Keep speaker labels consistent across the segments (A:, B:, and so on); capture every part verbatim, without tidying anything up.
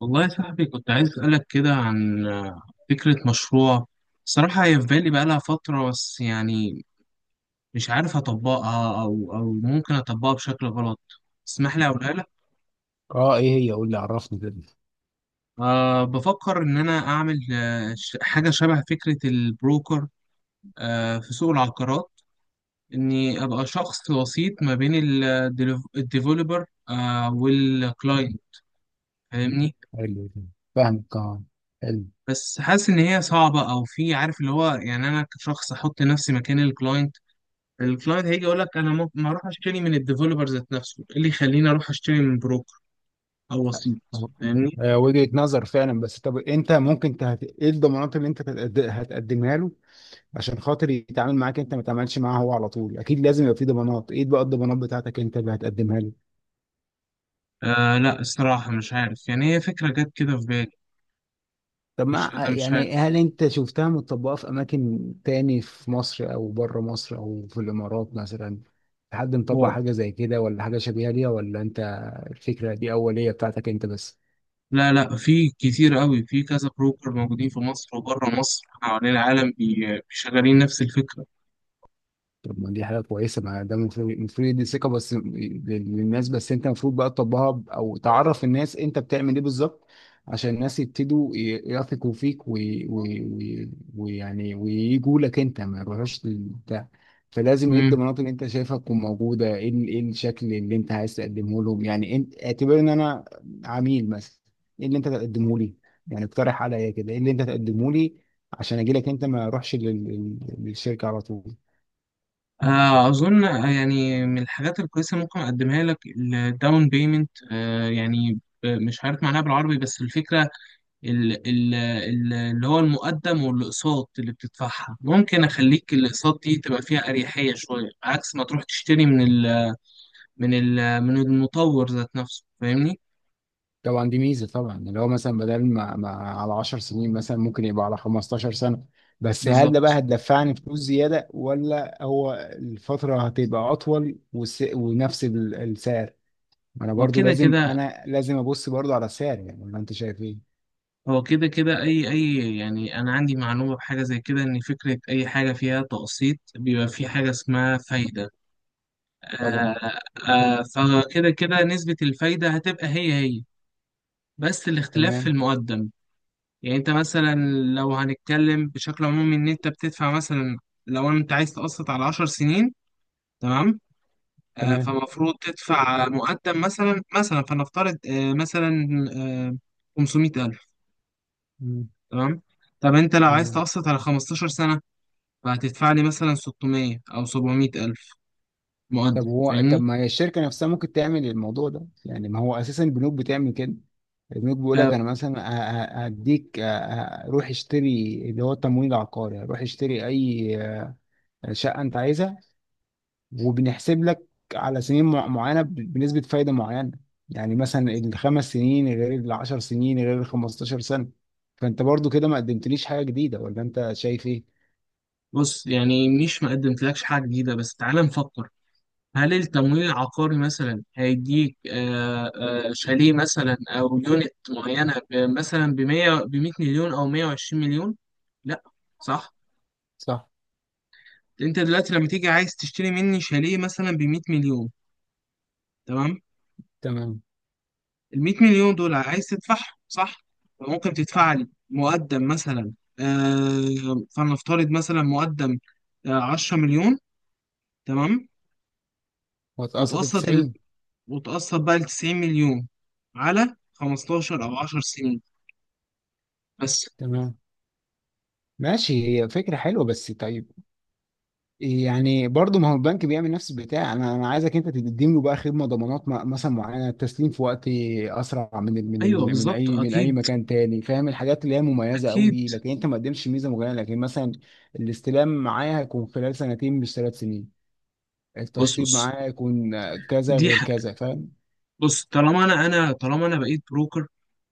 A: والله يا صاحبي، كنت عايز أسألك كده عن آه، فكرة مشروع. صراحة هي في بالي بقالها فترة، بس يعني مش عارف أطبقها أو أو ممكن أطبقها بشكل غلط. اسمح لي أقولها لك.
B: اه ايه هي قول لي عرفني كده.
A: أه بفكر إن أنا أعمل آه، ش- حاجة شبه فكرة البروكر أه في سوق العقارات، إني أبقى شخص وسيط ما بين ال- الديفولبر أه والكلاينت، فاهمني؟
B: حلو كده. فاهمك اه، حلو.
A: بس حاسس إن هي صعبة، أو في، عارف اللي هو، يعني أنا كشخص أحط نفسي مكان الكلاينت. الكلاينت هيجي يقول لك، انا ممكن ما اروح اشتري من الديفلوبر ذات نفسه، ايه اللي يخليني اروح اشتري من بروكر او وسيط؟ فاهمني؟
B: آه، وجهة نظر فعلا. بس طب انت ممكن تهت... ايه الضمانات اللي انت تتقد- هتقدمها له عشان خاطر يتعامل معاك انت ما تعملش معاه هو على طول؟ اكيد لازم يبقى في ضمانات. ايه بقى الضمانات بتاعتك انت اللي هتقدمها له؟
A: آه لا الصراحه مش عارف، يعني هي فكره جت كده في بالي.
B: طب
A: مش،
B: ما
A: انا مش
B: يعني
A: عارف.
B: هل انت شفتها متطبقة في اماكن تاني في مصر او بره مصر او في الامارات مثلا؟ حد مطبق
A: واو.
B: حاجة زي كده ولا حاجة شبيهة ليها، ولا انت الفكرة دي اولية بتاعتك انت بس؟
A: لا، لا، في كتير قوي، في كذا بروكر موجودين في مصر وبره مصر حوالين العالم، بي- شغالين نفس الفكره.
B: طب ما دي حاجة كويسة. ما ده المفروض المفروض دي ثقة بس للناس. بس انت المفروض بقى تطبقها ب- او تعرف الناس انت بتعمل ايه بالظبط، عشان الناس يبتدوا ي- يثقوا فيك، ويعني وي وي وي ويعني ويجوا لك انت ما يروحوش للبتاع. فلازم ايه
A: مم.
B: الضمانات اللي انت شايفها تكون موجودة، ايه ال- ايه الشكل اللي انت عايز تقدمه لهم. يعني انت اعتبر ان انا عميل مثلا، ايه اللي انت تقدمه لي؟ يعني اقترح عليا كده ايه اللي انت تقدمه لي عشان اجي لك انت ما اروحش لل- لل- للشركة على طول.
A: آه اظن، آه، يعني من الحاجات الكويسه ممكن اقدمها لك الداون بيمنت. آه يعني آه، مش عارف معناها بالعربي، بس الفكره ال- ال- ال- اللي هو المقدم، والاقساط اللي بتدفعها ممكن اخليك الاقساط دي تبقى فيها اريحيه شويه، عكس ما تروح تشتري من ال من ال من المطور ذات نفسه، فاهمني؟
B: طبعا دي ميزه. طبعا اللي هو مثلا بدل ما, ما على عشر سنين مثلا ممكن يبقى على خمسة عشر سنه. بس هل ده بقى
A: بالظبط.
B: هتدفعني فلوس زياده، ولا هو الفتره هتبقى اطول والس... ونفس ال- السعر؟ ما انا برضو
A: وكده
B: لازم
A: كده،
B: انا لازم ابص برضو على السعر، يعني ولا انت شايف ايه؟
A: هو كده كده اي اي يعني انا عندي معلومه بحاجه زي كده، ان فكره اي حاجه فيها تقسيط بيبقى في حاجه اسمها فايده.
B: طبعا.
A: آه. آه. فكده كده نسبه الفايده هتبقى هي هي، بس الاختلاف في
B: تمام.
A: المقدم. يعني انت مثلا، لو هنتكلم بشكل عمومي، ان انت بتدفع مثلا، لو انت عايز تقسط على عشر سنين، تمام. آه،
B: تمام.
A: فمفروض تدفع مقدم مثلا، مثلا فنفترض آه، مثلا آه، خمسمية ألف.
B: مم.
A: تمام. طب انت لو عايز
B: تمام.
A: تقسط على خمستاشر سنة، فهتدفع لي مثلا ستمية او سبعمئة ألف
B: طب
A: مقدم،
B: هو طب
A: فاهمني؟
B: ما هي الشركه نفسها ممكن تعمل الموضوع ده، يعني ما هو اساسا البنوك بتعمل كده. البنوك بيقول لك
A: آه،
B: انا مثلا ه- ه- هديك ه- ه- روح اشتري اللي هو التمويل العقاري. روح اشتري اي آه، شقه انت عايزها، وبنحسب لك على سنين مع- معينه ب- بنسبه فايده معينه. يعني مثلا الخمس سنين غير العشر سنين غير الخمستاشر سنه. فانت برضو كده ما قدمتليش حاجه جديده، ولا انت شايف ايه؟
A: بص، يعني مش ما قدمتلكش حاجة جديدة، بس تعالى نفكر. هل التمويل العقاري مثلا هيديك آه، آه، شاليه مثلا او يونت معينه، ب- مثلا ب ميه ب ميه مليون او مئة وعشرين مليون. لا، صح.
B: صح.
A: انت دلوقتي لما تيجي عايز تشتري مني شاليه مثلا ب ميه مليون، تمام.
B: تمام.
A: ال ميه مليون دول عايز تدفعهم، صح. فممكن
B: صح.
A: تدفع لي مقدم مثلا، آه، فلنفترض مثلا مقدم آه، عشر مليون، تمام.
B: واتقسط
A: وتقسط ال...
B: تسعين.
A: وتقسط بقى ال تسعين مليون على خمسة عشر او عشر سنين، بس.
B: تمام. ماشي، هي فكره حلوه. بس طيب، يعني برضه ما هو البنك بيعمل نفس البتاع. انا انا عايزك انت تقدم له بقى خدمه ضمانات م- مثلا معينه، التسليم في وقت اسرع من ال من
A: ايوه،
B: ال من
A: بالظبط،
B: اي من اي
A: اكيد
B: مكان تاني. فاهم الحاجات اللي هي مميزه قوي
A: اكيد.
B: دي؟ لكن انت ما قدمتش ميزه معينه. لكن مثلا الاستلام معايا هيكون خلال سنتين مش ثلاث سنين،
A: بص
B: التشطيب
A: بص،
B: معايا هيكون كذا
A: دي
B: غير
A: حق.
B: كذا، فاهم؟
A: بص طالما انا انا طالما انا بقيت بروكر،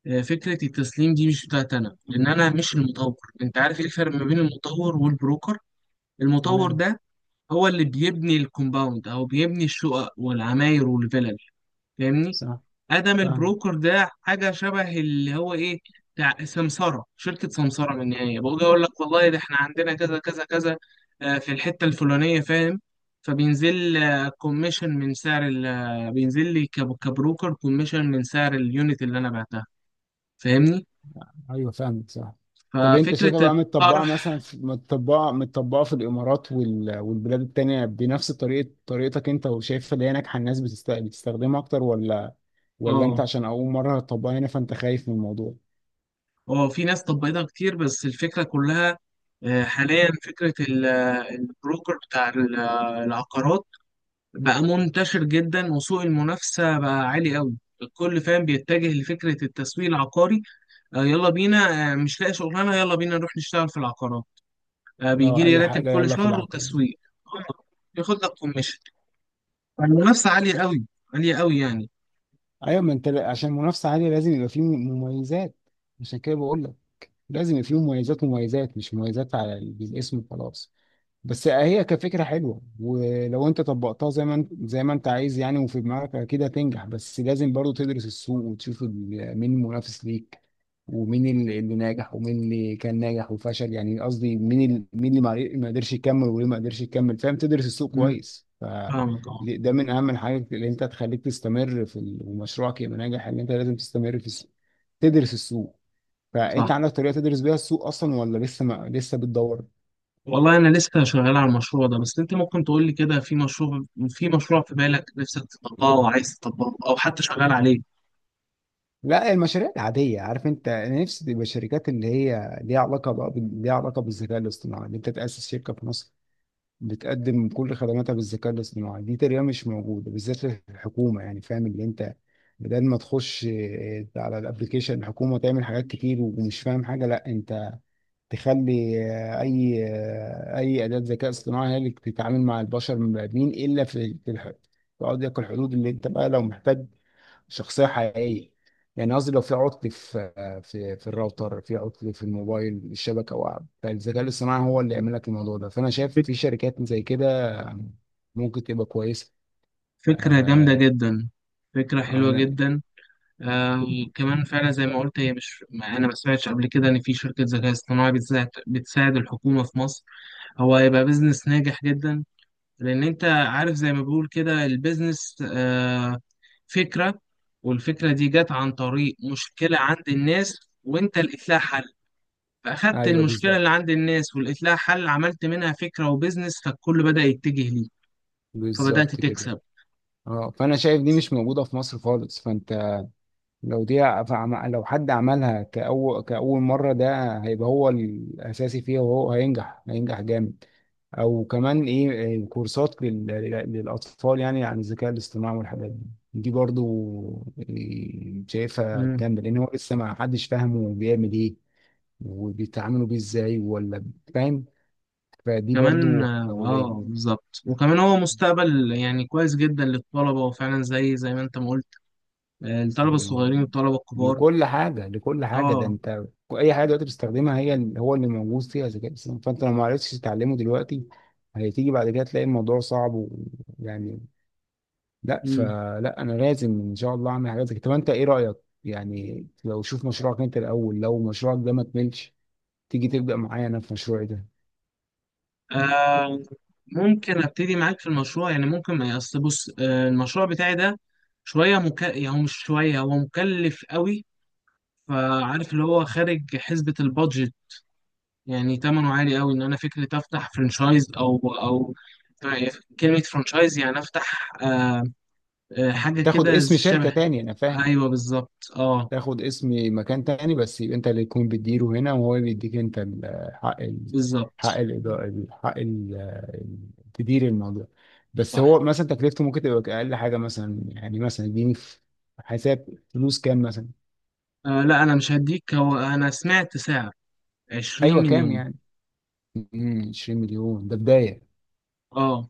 A: آه، فكره التسليم دي مش بتاعت انا، لان انا مش المطور. انت عارف ايه الفرق ما بين المطور والبروكر؟ المطور
B: تمام.
A: ده هو اللي بيبني الكومباوند، او بيبني الشقق والعماير والفلل، فاهمني؟
B: صح.
A: ادم
B: فاهم.
A: البروكر ده حاجه شبه اللي هو ايه، بتاع سمساره، شركه سمساره. من النهايه، بقول اقول لك والله، ده احنا عندنا كذا كذا كذا آه، في الحته الفلانيه، فاهم؟ فبينزل كوميشن من سعر ال- آه، بينزل لي كب- كبروكر كوميشن من سعر اليونت اللي انا بعتها، فاهمني؟
B: ايوه، فاهمك، صح. طب انت
A: ففكره
B: شايفها بقى متطبقه
A: الطرح.
B: مثلا في متطبقه متطبقه في الامارات وال... والبلاد التانية بنفس طريقه طريقتك انت، وشايفها اللي هي ناجحه الناس بتست... بتستخدمها اكتر، ولا ولا انت
A: اه،
B: عشان اول مره هتطبقها هنا فانت خايف من الموضوع؟
A: اه، في ناس طبقتها كتير، بس الفكره كلها آه، حاليا، فكره ال- آه، البروكر بتاع ال- آه، العقارات بقى منتشر جدا، وسوق المنافسة بقى عالي قوي. الكل فاهم، بيتجه لفكرة التسويق العقاري. آه يلا بينا، آه مش لاقي شغلانة، يلا بينا نروح نشتغل في العقارات، آه بيجي
B: لا
A: لي
B: اي
A: راتب
B: حاجه
A: كل
B: يلا في
A: شهر،
B: العقل.
A: وتسويق آه، ياخد لك كوميشن. فالمنافسة عالية قوي، عالية قوي، يعني.
B: ايوه، ما انت ل- عشان منافسه عاليه لازم يبقى فيه مميزات. عشان كده بقول لك لازم يبقى فيه مميزات، مميزات مش مميزات على الاسم وخلاص. بس هي كفكرة حلوة، ولو انت طبقتها زي ما انت زي ما انت عايز يعني وفي دماغك اكيد هتنجح. بس لازم برضو تدرس السوق وتشوف ال- مين المنافس ليك، ومين ال- اللي ناجح ومين اللي كان ناجح وفشل، يعني قصدي مين ال- مين اللي ما ما قدرش يكمل وليه ما قدرش يكمل، فاهم؟ تدرس السوق
A: مم،
B: كويس. ف
A: فاهمك. اه،
B: ده من اهم الحاجات اللي انت تخليك تستمر في ال- ومشروعك يبقى ناجح، ان انت لازم تستمر في السوق، تدرس السوق. فانت
A: صح.
B: عندك طريقة تدرس بيها السوق اصلا، ولا لسه ما لسه بتدور؟
A: والله أنا لسه شغال على المشروع ده، بس أنت ممكن تقول لي كده، في مشروع، في مشروع في بالك نفسك تطبقه، أو عايز تطبقه، أو حتى شغال عليه؟
B: لا المشاريع العادية، عارف انت انا نفسي تبقى شركات اللي هي ليها علاقة بقى بال- ليها علاقة بالذكاء الاصطناعي، ان انت تأسس شركة في مصر بتقدم كل خدماتها بالذكاء الاصطناعي. دي تقريبا مش موجودة بالذات للحكومة، يعني فاهم اللي انت، بدل ما تخش اه، على الابليكيشن الحكومة تعمل حاجات كتير ومش فاهم حاجة، لا انت تخلي اه، اي اه، اي أداة ذكاء اصطناعي هي اللي تتعامل مع البشر المبادئين، الا في في الح- في قضية الحدود اللي انت بقى لو محتاج شخصية حقيقية. يعني قصدي لو في عطل في في في الراوتر، في عطل في الموبايل الشبكة، أو فالذكاء الاصطناعي هو اللي يعمل لك الموضوع ده. فأنا شايف في
A: فك-
B: شركات زي كده ممكن تبقى كويسة.
A: فكرة جامدة
B: آه،
A: جدا. فكرة حلوة
B: أنا،
A: جدا. آه، وكمان فعلا زي ما قلت، هي مش ما انا ما سمعتش قبل كده ان في شركه ذكاء اصطناعي بتساعد بتساعد الحكومه في مصر. هو هيبقى بيزنس ناجح جدا، لان انت عارف، زي ما بقول كده، البيزنس آه، فكره، والفكره دي جت عن طريق مشكله عند الناس، وانت لقيت لها حل. فاخدت
B: أيوه
A: المشكله اللي
B: بالظبط،
A: عند الناس ولقيت لها حل، عملت منها فكره وبيزنس، فالكل بدأ يتجه ليه، فبدأت
B: بالظبط كده.
A: تكسب.
B: اه فأنا شايف دي مش موجودة في مصر خالص. فأنت لو دي، فعم- لو حد عملها كأول كأول مرة ده هيبقى هو الأساسي فيها، وهو هينجح، هينجح جامد. او كمان ايه، إيه، كورسات لل- للاطفال يعني، عن الذكاء الاصطناعي والحاجات دي. دي برضو إيه، شايفها
A: مم.
B: جامده، لان هو لسه ما حدش فاهمه بيعمل ايه وبيتعاملوا بيه ازاي، ولا فاهم. فدي
A: كمان
B: برضو
A: اه آه،
B: أولية.
A: بالظبط. وكمان هو مستقبل، يعني كويس جدا للطلبة، وفعلا زي زي ما انت ما قلت، آه، الطلبة
B: يعني
A: الصغيرين والطلبة الكبار.
B: لكل حاجه لكل حاجه، ده
A: اه.
B: انت اي حاجه دلوقتي بتستخدمها هي ال- هو اللي موجود فيها ذكاء اصطناعي. فانت لو ما عرفتش تتعلمه دلوقتي هتيجي بعد كده تلاقي الموضوع صعب، ويعني لا
A: مم.
B: فلا انا لازم ان شاء الله اعمل حاجات زي كده. طب انت ايه رايك؟ يعني لو شوف مشروعك انت الاول، لو مشروعك ده ما كملش تيجي تبدا معايا انا في مشروعي ده.
A: آه، ممكن ابتدي معاك في المشروع، يعني ممكن، ما اصل، بص، آه، المشروع بتاعي ده شوية مك... يعني هو مش شوية، هو مكلف قوي، فعارف اللي هو خارج حسبة البادجت، يعني تمنه عالي قوي. ان انا فكرة افتح فرانشايز او او، طيب، كلمة فرانشايز يعني افتح آه، آه، حاجة
B: تاخد
A: كده
B: اسم شركه
A: شبه.
B: تاني، انا فاهم،
A: ايوه بالظبط. اه
B: تاخد اسم مكان تاني، بس يبقى انت اللي تكون بتديره هنا، وهو بيديك انت ال- حق ال حق
A: بالظبط.
B: ال حق ال ال- تدير الموضوع. بس
A: صح.
B: هو مثلا تكلفته ممكن تبقى اقل حاجه مثلا، يعني مثلا اديني في حساب فلوس كام مثلا؟
A: آه لا، انا مش هديك، هو انا سمعت سعر عشرين
B: ايوه كام
A: مليون.
B: يعني؟ مم، عشرين مليون ده بدايه،
A: اه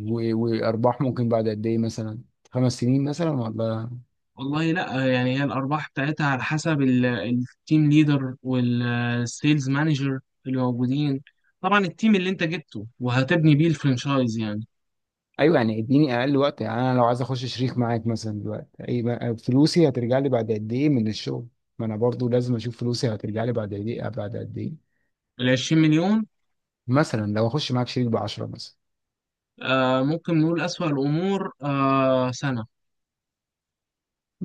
B: و- وارباح ممكن بعد قد ايه مثلا؟ خمس سنين مثلا، ولا؟
A: والله. لا آه، يعني هي الارباح بتاعتها على حسب ال- التيم ليدر والسيلز مانجر اللي موجودين. طبعا التيم اللي انت جبته وهتبني بيه الفرنشايز يعني.
B: ايوه يعني اديني اقل وقت. يعني انا لو عايز اخش شريك معاك مثلا دلوقتي، اي بقى- فلوسي هترجع لي بعد قد ايه من الشغل؟ ما انا برضو لازم اشوف فلوسي هترجع لي بعد قد ايه بعد قد ايه،
A: ال عشرين مليون
B: مثلا لو اخش معاك شريك ب عشرة مثلا.
A: آه ممكن نقول اسوأ الامور آه سنة.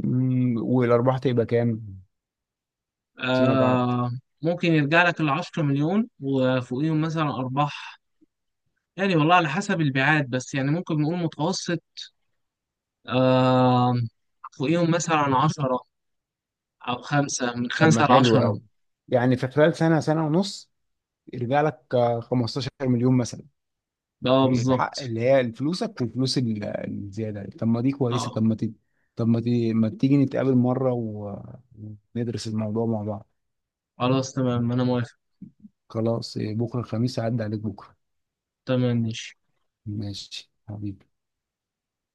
B: أمم، والارباح تبقى كام فيما بعد؟
A: آه ممكن يرجع لك ال عشر مليون وفوقيهم مثلا ارباح. يعني والله على حسب البيعات، بس يعني ممكن نقول متوسط. آه فوقيهم مثلا عشرة، أو خمسة، من
B: طب ما
A: خمسة
B: حلو
A: لعشرة.
B: قوي. يعني في خلال سنه سنه ونص يرجع لك آه، خمستاشر مليون مثلا،
A: اه
B: الحق
A: بالظبط.
B: اللي هي فلوسك وفلوس ال- الزيادة. طب ما دي كويسة.
A: اه،
B: طب ما تي... طب ما, تي... ما تيجي نتقابل مرة و... وندرس الموضوع مع بعض؟
A: خلاص تمام أنا موافق.
B: خلاص إيه، بكرة الخميس هعدي عليك بكرة.
A: تمام، ماشي.
B: ماشي حبيبي.